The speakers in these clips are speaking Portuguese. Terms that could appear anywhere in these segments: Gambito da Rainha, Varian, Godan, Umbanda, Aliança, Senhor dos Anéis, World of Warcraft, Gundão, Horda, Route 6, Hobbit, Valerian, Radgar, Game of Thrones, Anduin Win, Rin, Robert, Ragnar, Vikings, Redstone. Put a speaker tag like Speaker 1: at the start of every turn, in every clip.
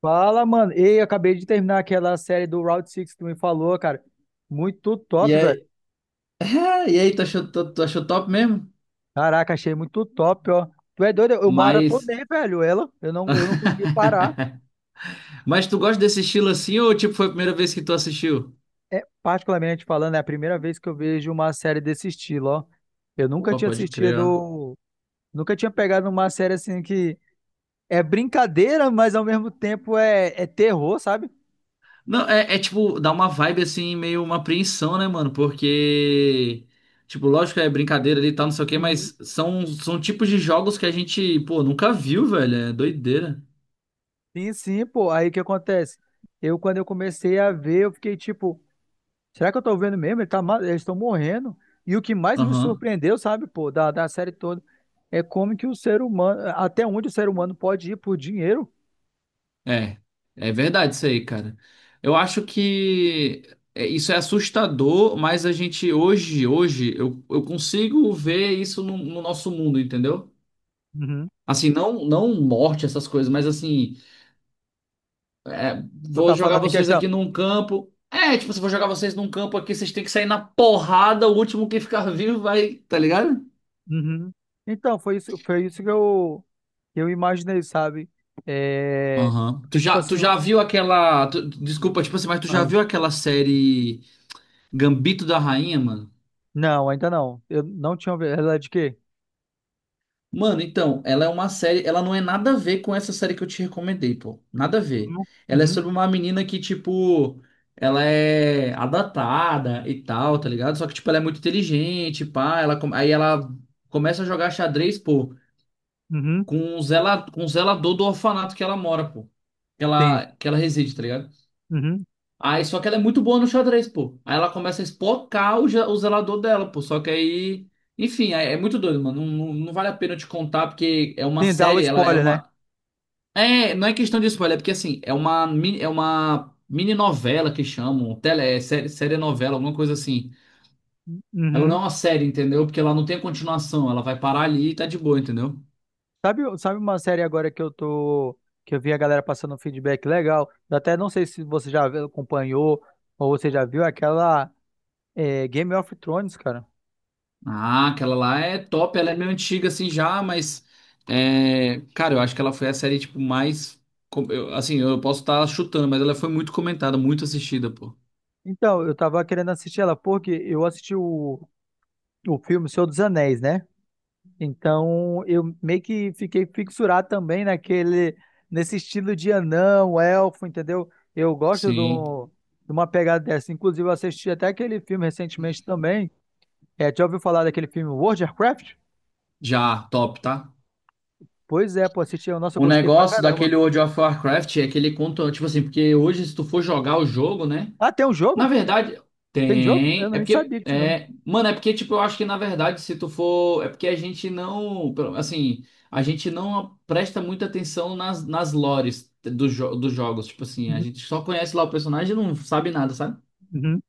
Speaker 1: Fala, mano. Ei, eu acabei de terminar aquela série do Route 6 que tu me falou, cara. Muito
Speaker 2: E
Speaker 1: top, velho.
Speaker 2: aí, e aí, tu achou top mesmo?
Speaker 1: Caraca, achei muito top, ó. Tu é doido? Eu
Speaker 2: Mas.
Speaker 1: maratonei, velho, ela. Eu não consegui parar.
Speaker 2: Mas tu gosta desse estilo assim ou tipo foi a primeira vez que tu assistiu?
Speaker 1: É, particularmente falando, é a primeira vez que eu vejo uma série desse estilo, ó. Eu nunca
Speaker 2: Pô,
Speaker 1: tinha
Speaker 2: pode crer, ó.
Speaker 1: assistido, nunca tinha pegado uma série assim que é brincadeira, mas ao mesmo tempo é terror, sabe?
Speaker 2: Não, é, é tipo, dá uma vibe assim, meio uma apreensão, né, mano? Porque. Tipo, lógico é brincadeira ali e tal, não sei o quê,
Speaker 1: Uhum.
Speaker 2: mas são tipos de jogos que a gente, pô, nunca viu, velho. É doideira.
Speaker 1: Sim, sim, pô. Aí o que acontece? Eu, quando eu comecei a ver, eu fiquei tipo. Será que eu tô vendo mesmo? Eles estão morrendo. E o que mais me
Speaker 2: Aham.
Speaker 1: surpreendeu, sabe, pô, da série toda, é como que o ser humano, até onde o ser humano pode ir por dinheiro.
Speaker 2: É, é verdade isso aí, cara. Eu acho que é, isso é assustador, mas a gente hoje, eu consigo ver isso no nosso mundo, entendeu?
Speaker 1: Uhum.
Speaker 2: Assim, não morte, essas coisas, mas assim, é,
Speaker 1: Tu
Speaker 2: vou
Speaker 1: tá
Speaker 2: jogar
Speaker 1: falando em
Speaker 2: vocês
Speaker 1: questão.
Speaker 2: aqui num campo. É, tipo, se eu vou jogar vocês num campo aqui, vocês têm que sair na porrada, o último que ficar vivo vai, tá ligado?
Speaker 1: Uhum. Então, foi isso que eu imaginei, sabe? É,
Speaker 2: Aham. Tu
Speaker 1: porque, tipo
Speaker 2: já, tu
Speaker 1: assim.
Speaker 2: já viu aquela. Tu- desculpa, tipo assim, mas tu já viu
Speaker 1: Ah.
Speaker 2: aquela série Gambito da Rainha, mano?
Speaker 1: Não, ainda não. Eu não tinha ouvido. Ela é de quê?
Speaker 2: Mano, então, ela é uma série, ela não é nada a ver com essa série que eu te recomendei, pô. Nada a ver.
Speaker 1: Uhum.
Speaker 2: Ela é
Speaker 1: Uhum.
Speaker 2: sobre uma menina que, tipo, ela é adaptada e tal, tá ligado? Só que, tipo, ela é muito inteligente, pá. Ela, come- aí ela começa a jogar xadrez, pô,
Speaker 1: Uhum.
Speaker 2: com o zela, com o zelador do orfanato que ela mora, pô. Que
Speaker 1: Sim.
Speaker 2: ela, que ela reside, tá ligado?
Speaker 1: Uhum.
Speaker 2: Aí, só que ela é muito boa no xadrez, pô. Aí ela começa a espocar o, ge- o zelador dela, pô. Só que aí. Enfim, é, é muito doido, mano. Não vale a pena eu te contar, porque é uma
Speaker 1: Sim, dá o
Speaker 2: série, ela é
Speaker 1: spoiler, né?
Speaker 2: uma. É, não é questão de spoiler, é porque assim, é uma mini novela que chamam, tele, é série, série novela, alguma coisa assim. Ela não
Speaker 1: Uhum.
Speaker 2: é uma série, entendeu? Porque ela não tem continuação, ela vai parar ali e tá de boa, entendeu?
Speaker 1: Sabe, sabe uma série agora que eu tô, que eu vi a galera passando um feedback legal? Eu até não sei se você acompanhou ou você já viu aquela é, Game of Thrones, cara.
Speaker 2: Ah, aquela lá é top, ela é meio antiga assim já, mas é, cara, eu acho que ela foi a série tipo mais com- eu- assim, eu posso estar chutando, mas ela foi muito comentada, muito assistida, pô.
Speaker 1: Então, eu tava querendo assistir ela porque eu assisti o filme Senhor dos Anéis, né? Então, eu meio que fiquei fixurado também nesse estilo de anão, elfo, entendeu? Eu gosto
Speaker 2: Sim,
Speaker 1: do, de uma pegada dessa. Inclusive, eu assisti até aquele filme recentemente também. É, já ouviu falar daquele filme World of Warcraft?
Speaker 2: já, top, tá?
Speaker 1: Pois é, pô, assisti. Nossa, eu
Speaker 2: O
Speaker 1: gostei pra
Speaker 2: negócio
Speaker 1: caramba.
Speaker 2: daquele World of Warcraft é que ele conta, tipo assim, porque hoje se tu for jogar o jogo, né?
Speaker 1: Ah, tem um
Speaker 2: Na
Speaker 1: jogo?
Speaker 2: verdade,
Speaker 1: Tem jogo? Eu
Speaker 2: tem. É
Speaker 1: nem
Speaker 2: porque.
Speaker 1: sabia que tinha jogo.
Speaker 2: É... Mano, é porque, tipo, eu acho que na verdade, se tu for. É porque a gente não. pelo- Assim, a gente não presta muita atenção nas, nas lores dos jo- dos jogos. Tipo assim, a
Speaker 1: Uhum.
Speaker 2: gente só conhece lá o personagem e não sabe nada, sabe?
Speaker 1: Uhum.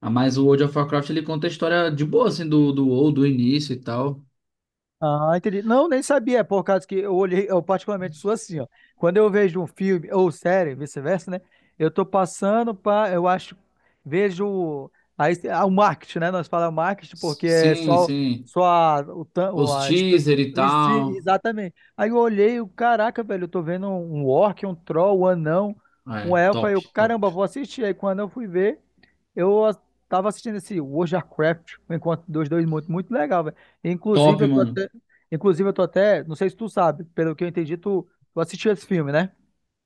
Speaker 2: Ah, mas o World of Warcraft ele conta a história de boa, assim, do WoW, do início e tal.
Speaker 1: Ah, entendi. Não, nem sabia, por causa que eu olhei, eu particularmente sou assim, ó. Quando eu vejo um filme ou série, vice-versa, né? Eu tô passando para, eu acho, vejo aí ah, o marketing, né? Nós falamos marketing
Speaker 2: S-
Speaker 1: porque é
Speaker 2: Sim,
Speaker 1: só
Speaker 2: sim.
Speaker 1: só a, o, tan- o-
Speaker 2: Os
Speaker 1: a, est-
Speaker 2: teaser e
Speaker 1: este-
Speaker 2: tal.
Speaker 1: exatamente. Aí eu olhei, eu, caraca, velho, eu tô vendo um orc, um troll, um anão, um
Speaker 2: É,
Speaker 1: elfo, aí
Speaker 2: top,
Speaker 1: eu,
Speaker 2: top.
Speaker 1: caramba, vou assistir. Aí quando eu fui ver, eu a- tava assistindo esse World of Warcraft, um encontro dos dois muito legal, velho.
Speaker 2: Top,
Speaker 1: Inclusive, eu tô
Speaker 2: mano.
Speaker 1: até Inclusive, eu tô até, não sei se tu sabe, pelo que eu entendi, tu assistiu esse filme, né?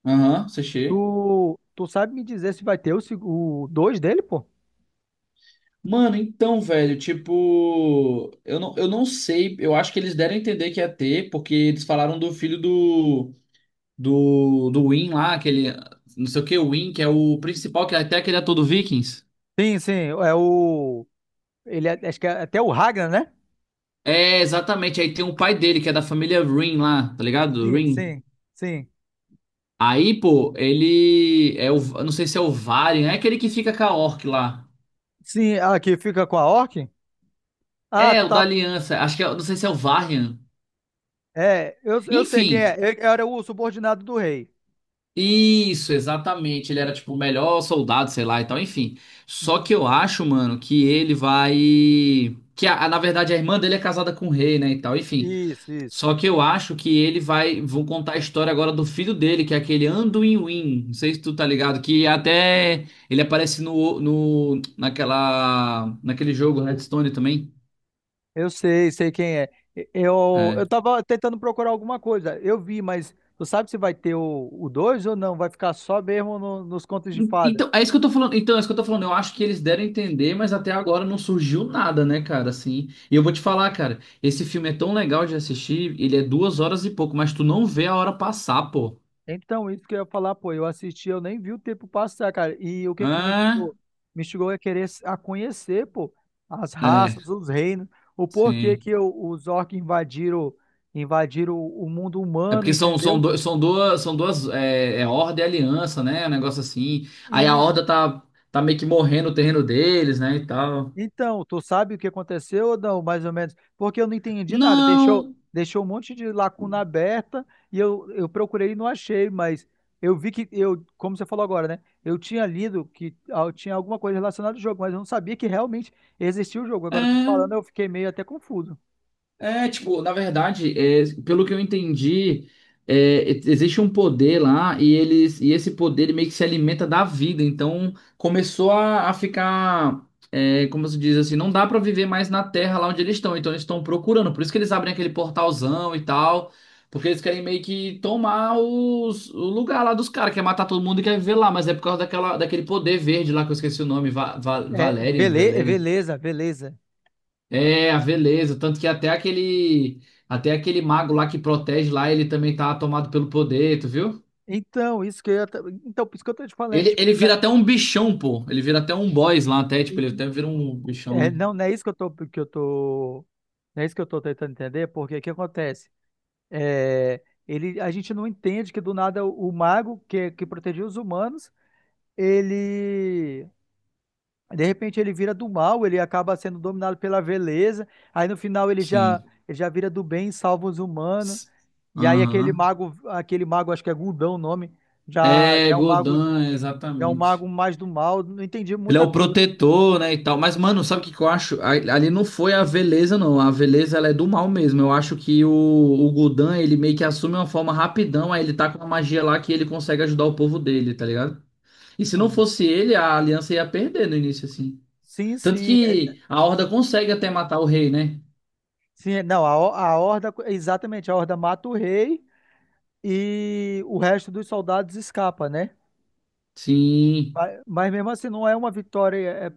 Speaker 2: Aham, uhum.
Speaker 1: Tu, tu sabe me dizer se vai ter o, seg- o 2 dele, pô?
Speaker 2: Mano, então, velho, tipo, eu não sei, eu acho que eles deram a entender que ia ter, porque eles falaram do filho do, do Win lá, aquele, não sei o que, o Win, que é o principal, que é até aquele ator do Vikings.
Speaker 1: Sim, sim, ele é- acho que é até o Ragnar, né?
Speaker 2: É, exatamente, aí tem o pai dele, que é da família Rin lá, tá ligado?
Speaker 1: Sim,
Speaker 2: Rin.
Speaker 1: sim, sim.
Speaker 2: Aí, pô, ele é o, eu não sei se é o Varian, é aquele que fica com a Orc lá.
Speaker 1: Sim, ah, que fica com a Orc? Ah,
Speaker 2: É,
Speaker 1: tu
Speaker 2: o da
Speaker 1: tá,
Speaker 2: Aliança, acho que é, não sei se é o Varian.
Speaker 1: é, eu sei quem é,
Speaker 2: Enfim.
Speaker 1: ele era o subordinado do rei.
Speaker 2: Isso, exatamente. Ele era tipo o melhor soldado, sei lá e tal, enfim. Só
Speaker 1: Uhum.
Speaker 2: que eu acho, mano, que ele vai. Que a- na verdade a irmã dele é casada com o rei, né e tal, enfim.
Speaker 1: Isso, isso.
Speaker 2: Só que eu acho que ele vai. Vão contar a história agora do filho dele, que é aquele Anduin Win. Não sei se tu tá ligado, que até ele aparece no, no naquela naquele jogo Redstone também.
Speaker 1: Eu sei, sei quem é. Eu
Speaker 2: É.
Speaker 1: tava tentando procurar alguma coisa. Eu vi, mas tu sabe se vai ter o 2 ou não? Vai ficar só mesmo nos contos de fada.
Speaker 2: Então, é isso que eu tô falando. Então, é isso que eu tô falando. Eu acho que eles deram a entender, mas até agora não surgiu nada, né, cara? Assim, e eu vou te falar, cara, esse filme é tão legal de assistir, ele é 2 horas e pouco, mas tu não vê a hora passar, pô.
Speaker 1: Então, isso que eu ia falar, pô, eu assisti, eu nem vi o tempo passar, cara. E o que que me
Speaker 2: Ah,
Speaker 1: instigou? Me instigou a a conhecer, pô, as
Speaker 2: é,
Speaker 1: raças, os reinos, o porquê
Speaker 2: sim.
Speaker 1: que o- os orcs invadiram, invadiram o mundo
Speaker 2: É
Speaker 1: humano,
Speaker 2: porque são,
Speaker 1: entendeu?
Speaker 2: são, do- são duas, é, é Horda e Aliança, né? Um negócio assim. Aí a Horda tá, tá meio que morrendo o terreno deles, né, e tal.
Speaker 1: Então, tu sabe o que aconteceu ou não, mais ou menos? Porque eu não entendi nada. Deixou,
Speaker 2: Não,
Speaker 1: deixou um monte de lacuna aberta e eu procurei e não achei, mas eu vi que eu, como você falou agora, né? Eu tinha lido que ah, tinha alguma coisa relacionada ao jogo, mas eu não sabia que realmente existia o jogo. Agora tu falando,
Speaker 2: é.
Speaker 1: eu fiquei meio até confuso.
Speaker 2: É, tipo, na verdade, é, pelo que eu entendi, é, e- existe um poder lá e eles e esse poder ele meio que se alimenta da vida. Então começou a ficar, é, como se diz assim, não dá pra viver mais na Terra lá onde eles estão. Então eles estão procurando. Por isso que eles abrem aquele portalzão e tal, porque eles querem meio que tomar os- o lugar lá dos caras, quer matar todo mundo e quer viver lá. Mas é por causa daquela, daquele poder verde lá que eu esqueci o nome, Va, Va,
Speaker 1: É,
Speaker 2: Valerian, Valerian.
Speaker 1: beleza, beleza.
Speaker 2: É, a veleza. Tanto que até aquele mago lá que protege lá, ele também tá tomado pelo poder, tu viu?
Speaker 1: Então, isso que eu, ia ta- então, por isso que eu tô te falando,
Speaker 2: Ele,
Speaker 1: tipo,
Speaker 2: ele vira até um bichão, pô. Ele vira até um boss lá, até,
Speaker 1: e-
Speaker 2: tipo, ele
Speaker 1: e-
Speaker 2: até vira um bichão, né?
Speaker 1: não é isso que eu tô, não é isso que eu tô tentando entender, porque o que acontece? É, ele, a gente não entende que do nada o mago que protegia os humanos, ele de repente ele vira do mal, ele acaba sendo dominado pela vileza. Aí no final
Speaker 2: Sim.
Speaker 1: ele já vira do bem, salva os humanos.
Speaker 2: S-
Speaker 1: E aí
Speaker 2: Aham.
Speaker 1: aquele mago acho que é Gundão o nome, já
Speaker 2: É,
Speaker 1: já é um mago,
Speaker 2: Godan,
Speaker 1: já é um
Speaker 2: exatamente.
Speaker 1: mago mais do mal. Não entendi
Speaker 2: Ele é
Speaker 1: muita
Speaker 2: o
Speaker 1: coisa.
Speaker 2: protetor, né, e tal. Mas, mano, sabe o que que eu acho? A- Ali não foi a Veleza, não. A Veleza, ela é do mal mesmo. Eu acho que o Godan, ele meio que assume uma forma rapidão, aí ele tá com uma magia lá que ele consegue ajudar o povo dele, tá ligado? E se não
Speaker 1: Hum.
Speaker 2: fosse ele, a aliança ia perder no início, assim.
Speaker 1: Sim,
Speaker 2: Tanto que a Horda consegue até matar o rei, né?
Speaker 1: sim, é- não, a, Ho- a horda, exatamente, a horda mata o rei e o resto dos soldados escapa, né?
Speaker 2: Sim,
Speaker 1: Mas mesmo assim não é uma vitória, é, é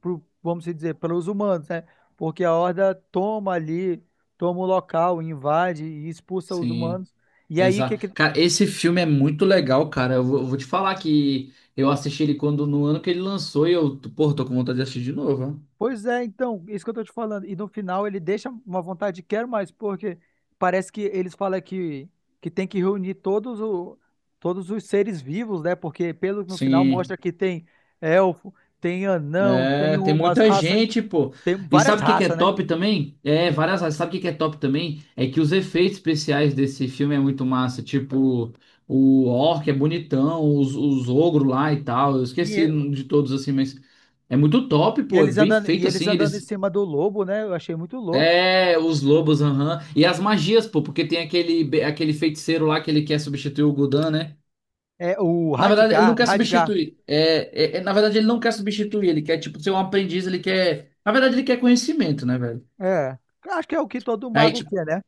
Speaker 1: pro- vamos dizer, pelos humanos, né? Porque a Horda toma ali, toma o local, invade e expulsa os
Speaker 2: sim.
Speaker 1: humanos. E aí o que
Speaker 2: Exato.
Speaker 1: que...
Speaker 2: Cara, esse filme é muito legal, cara. Eu vou te falar que eu assisti ele quando no ano que ele lançou e eu, pô, tô com vontade de assistir de novo, ó.
Speaker 1: Pois é, então, isso que eu tô te falando. E no final ele deixa uma vontade de quero mais, porque parece que eles falam que tem que reunir todos os seres vivos, né? Porque pelo no final mostra
Speaker 2: Sim.
Speaker 1: que tem elfo, tem anão, tem
Speaker 2: É, tem
Speaker 1: umas
Speaker 2: muita
Speaker 1: raças,
Speaker 2: gente, pô.
Speaker 1: tem
Speaker 2: E
Speaker 1: várias
Speaker 2: sabe o que que é
Speaker 1: raças, né?
Speaker 2: top também? É,
Speaker 1: Hum.
Speaker 2: várias. Áreas. Sabe o que que é top também? É que os efeitos especiais desse filme é muito massa. Tipo, o orc é bonitão, os ogros lá e tal. Eu esqueci
Speaker 1: E
Speaker 2: de todos assim, mas é muito top, pô. É bem
Speaker 1: E
Speaker 2: feito
Speaker 1: eles
Speaker 2: assim.
Speaker 1: andando em
Speaker 2: Eles.
Speaker 1: cima do lobo, né? Eu achei muito louco.
Speaker 2: É, os lobos, aham. E as magias, pô, porque tem aquele, aquele feiticeiro lá que ele quer substituir o Gudan, né?
Speaker 1: É o
Speaker 2: Na verdade, ele não
Speaker 1: Radgar,
Speaker 2: quer
Speaker 1: Radgar.
Speaker 2: substituir. É, é- é- na verdade, ele não quer substituir. Ele quer, tipo, ser um aprendiz. Ele quer. Na verdade, ele quer conhecimento, né, velho?
Speaker 1: É. Acho que é o que todo
Speaker 2: Aí,
Speaker 1: mago
Speaker 2: tipo.
Speaker 1: quer, né?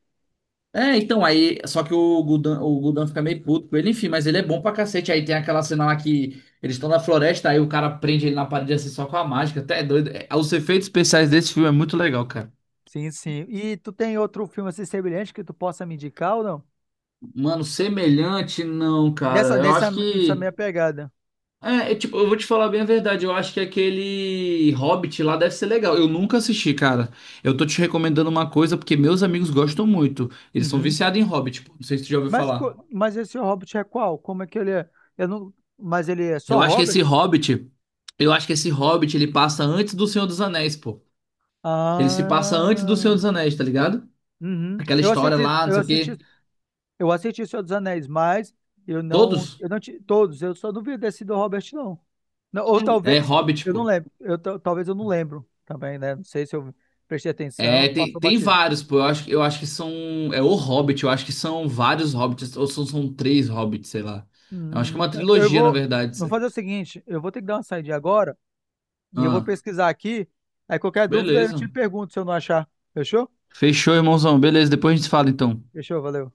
Speaker 2: É, então, aí. Só que o Gudan fica meio puto com ele, enfim, mas ele é bom pra cacete. Aí tem aquela cena lá que eles estão na floresta, aí o cara prende ele na parede assim só com a mágica. Até é doido. É, os efeitos especiais desse filme é muito legal, cara.
Speaker 1: Sim, sim. E tu tem outro filme assim semelhante que tu possa me indicar ou não?
Speaker 2: Mano, semelhante, não, cara. Eu acho
Speaker 1: Nessa
Speaker 2: que.
Speaker 1: minha pegada.
Speaker 2: É, é, tipo, eu vou te falar bem a verdade. Eu acho que aquele Hobbit lá deve ser legal. Eu nunca assisti, cara. Eu tô te recomendando uma coisa porque meus amigos gostam muito. Eles são
Speaker 1: Uhum.
Speaker 2: viciados em Hobbit, pô. Não sei se tu já ouviu
Speaker 1: Mas,
Speaker 2: falar.
Speaker 1: mas esse Hobbit é qual? Como é que ele é? Eu não, mas ele é só
Speaker 2: Eu acho que
Speaker 1: Hobbit?
Speaker 2: esse Hobbit, eu acho que esse Hobbit ele passa antes do Senhor dos Anéis, pô. Ele se passa antes do Senhor
Speaker 1: Ah.
Speaker 2: dos Anéis, tá ligado?
Speaker 1: Uhum.
Speaker 2: Aquela história lá, não sei o quê.
Speaker 1: Eu assisti Senhor dos Anéis, mas
Speaker 2: Todos
Speaker 1: eu só não vi desse do Robert não. Não, ou talvez
Speaker 2: é Hobbit,
Speaker 1: eu não
Speaker 2: pô.
Speaker 1: lembro, eu ta- talvez eu não lembro também, né? Não sei se eu prestei
Speaker 2: É,
Speaker 1: atenção,
Speaker 2: tem,
Speaker 1: passou
Speaker 2: tem
Speaker 1: batido.
Speaker 2: vários, pô. Eu acho que são. É o Hobbit, eu acho que são vários Hobbits, ou são, são 3 Hobbits, sei lá. Eu acho que é
Speaker 1: Hum,
Speaker 2: uma
Speaker 1: eu
Speaker 2: trilogia, na
Speaker 1: vou,
Speaker 2: verdade.
Speaker 1: vou fazer o seguinte, eu vou ter que dar uma saída agora e eu vou
Speaker 2: Ah,
Speaker 1: pesquisar aqui. Aí qualquer dúvida eu te
Speaker 2: beleza.
Speaker 1: pergunto se eu não achar. Fechou?
Speaker 2: Fechou, irmãozão. Beleza, depois a gente fala então.
Speaker 1: Fechou, valeu.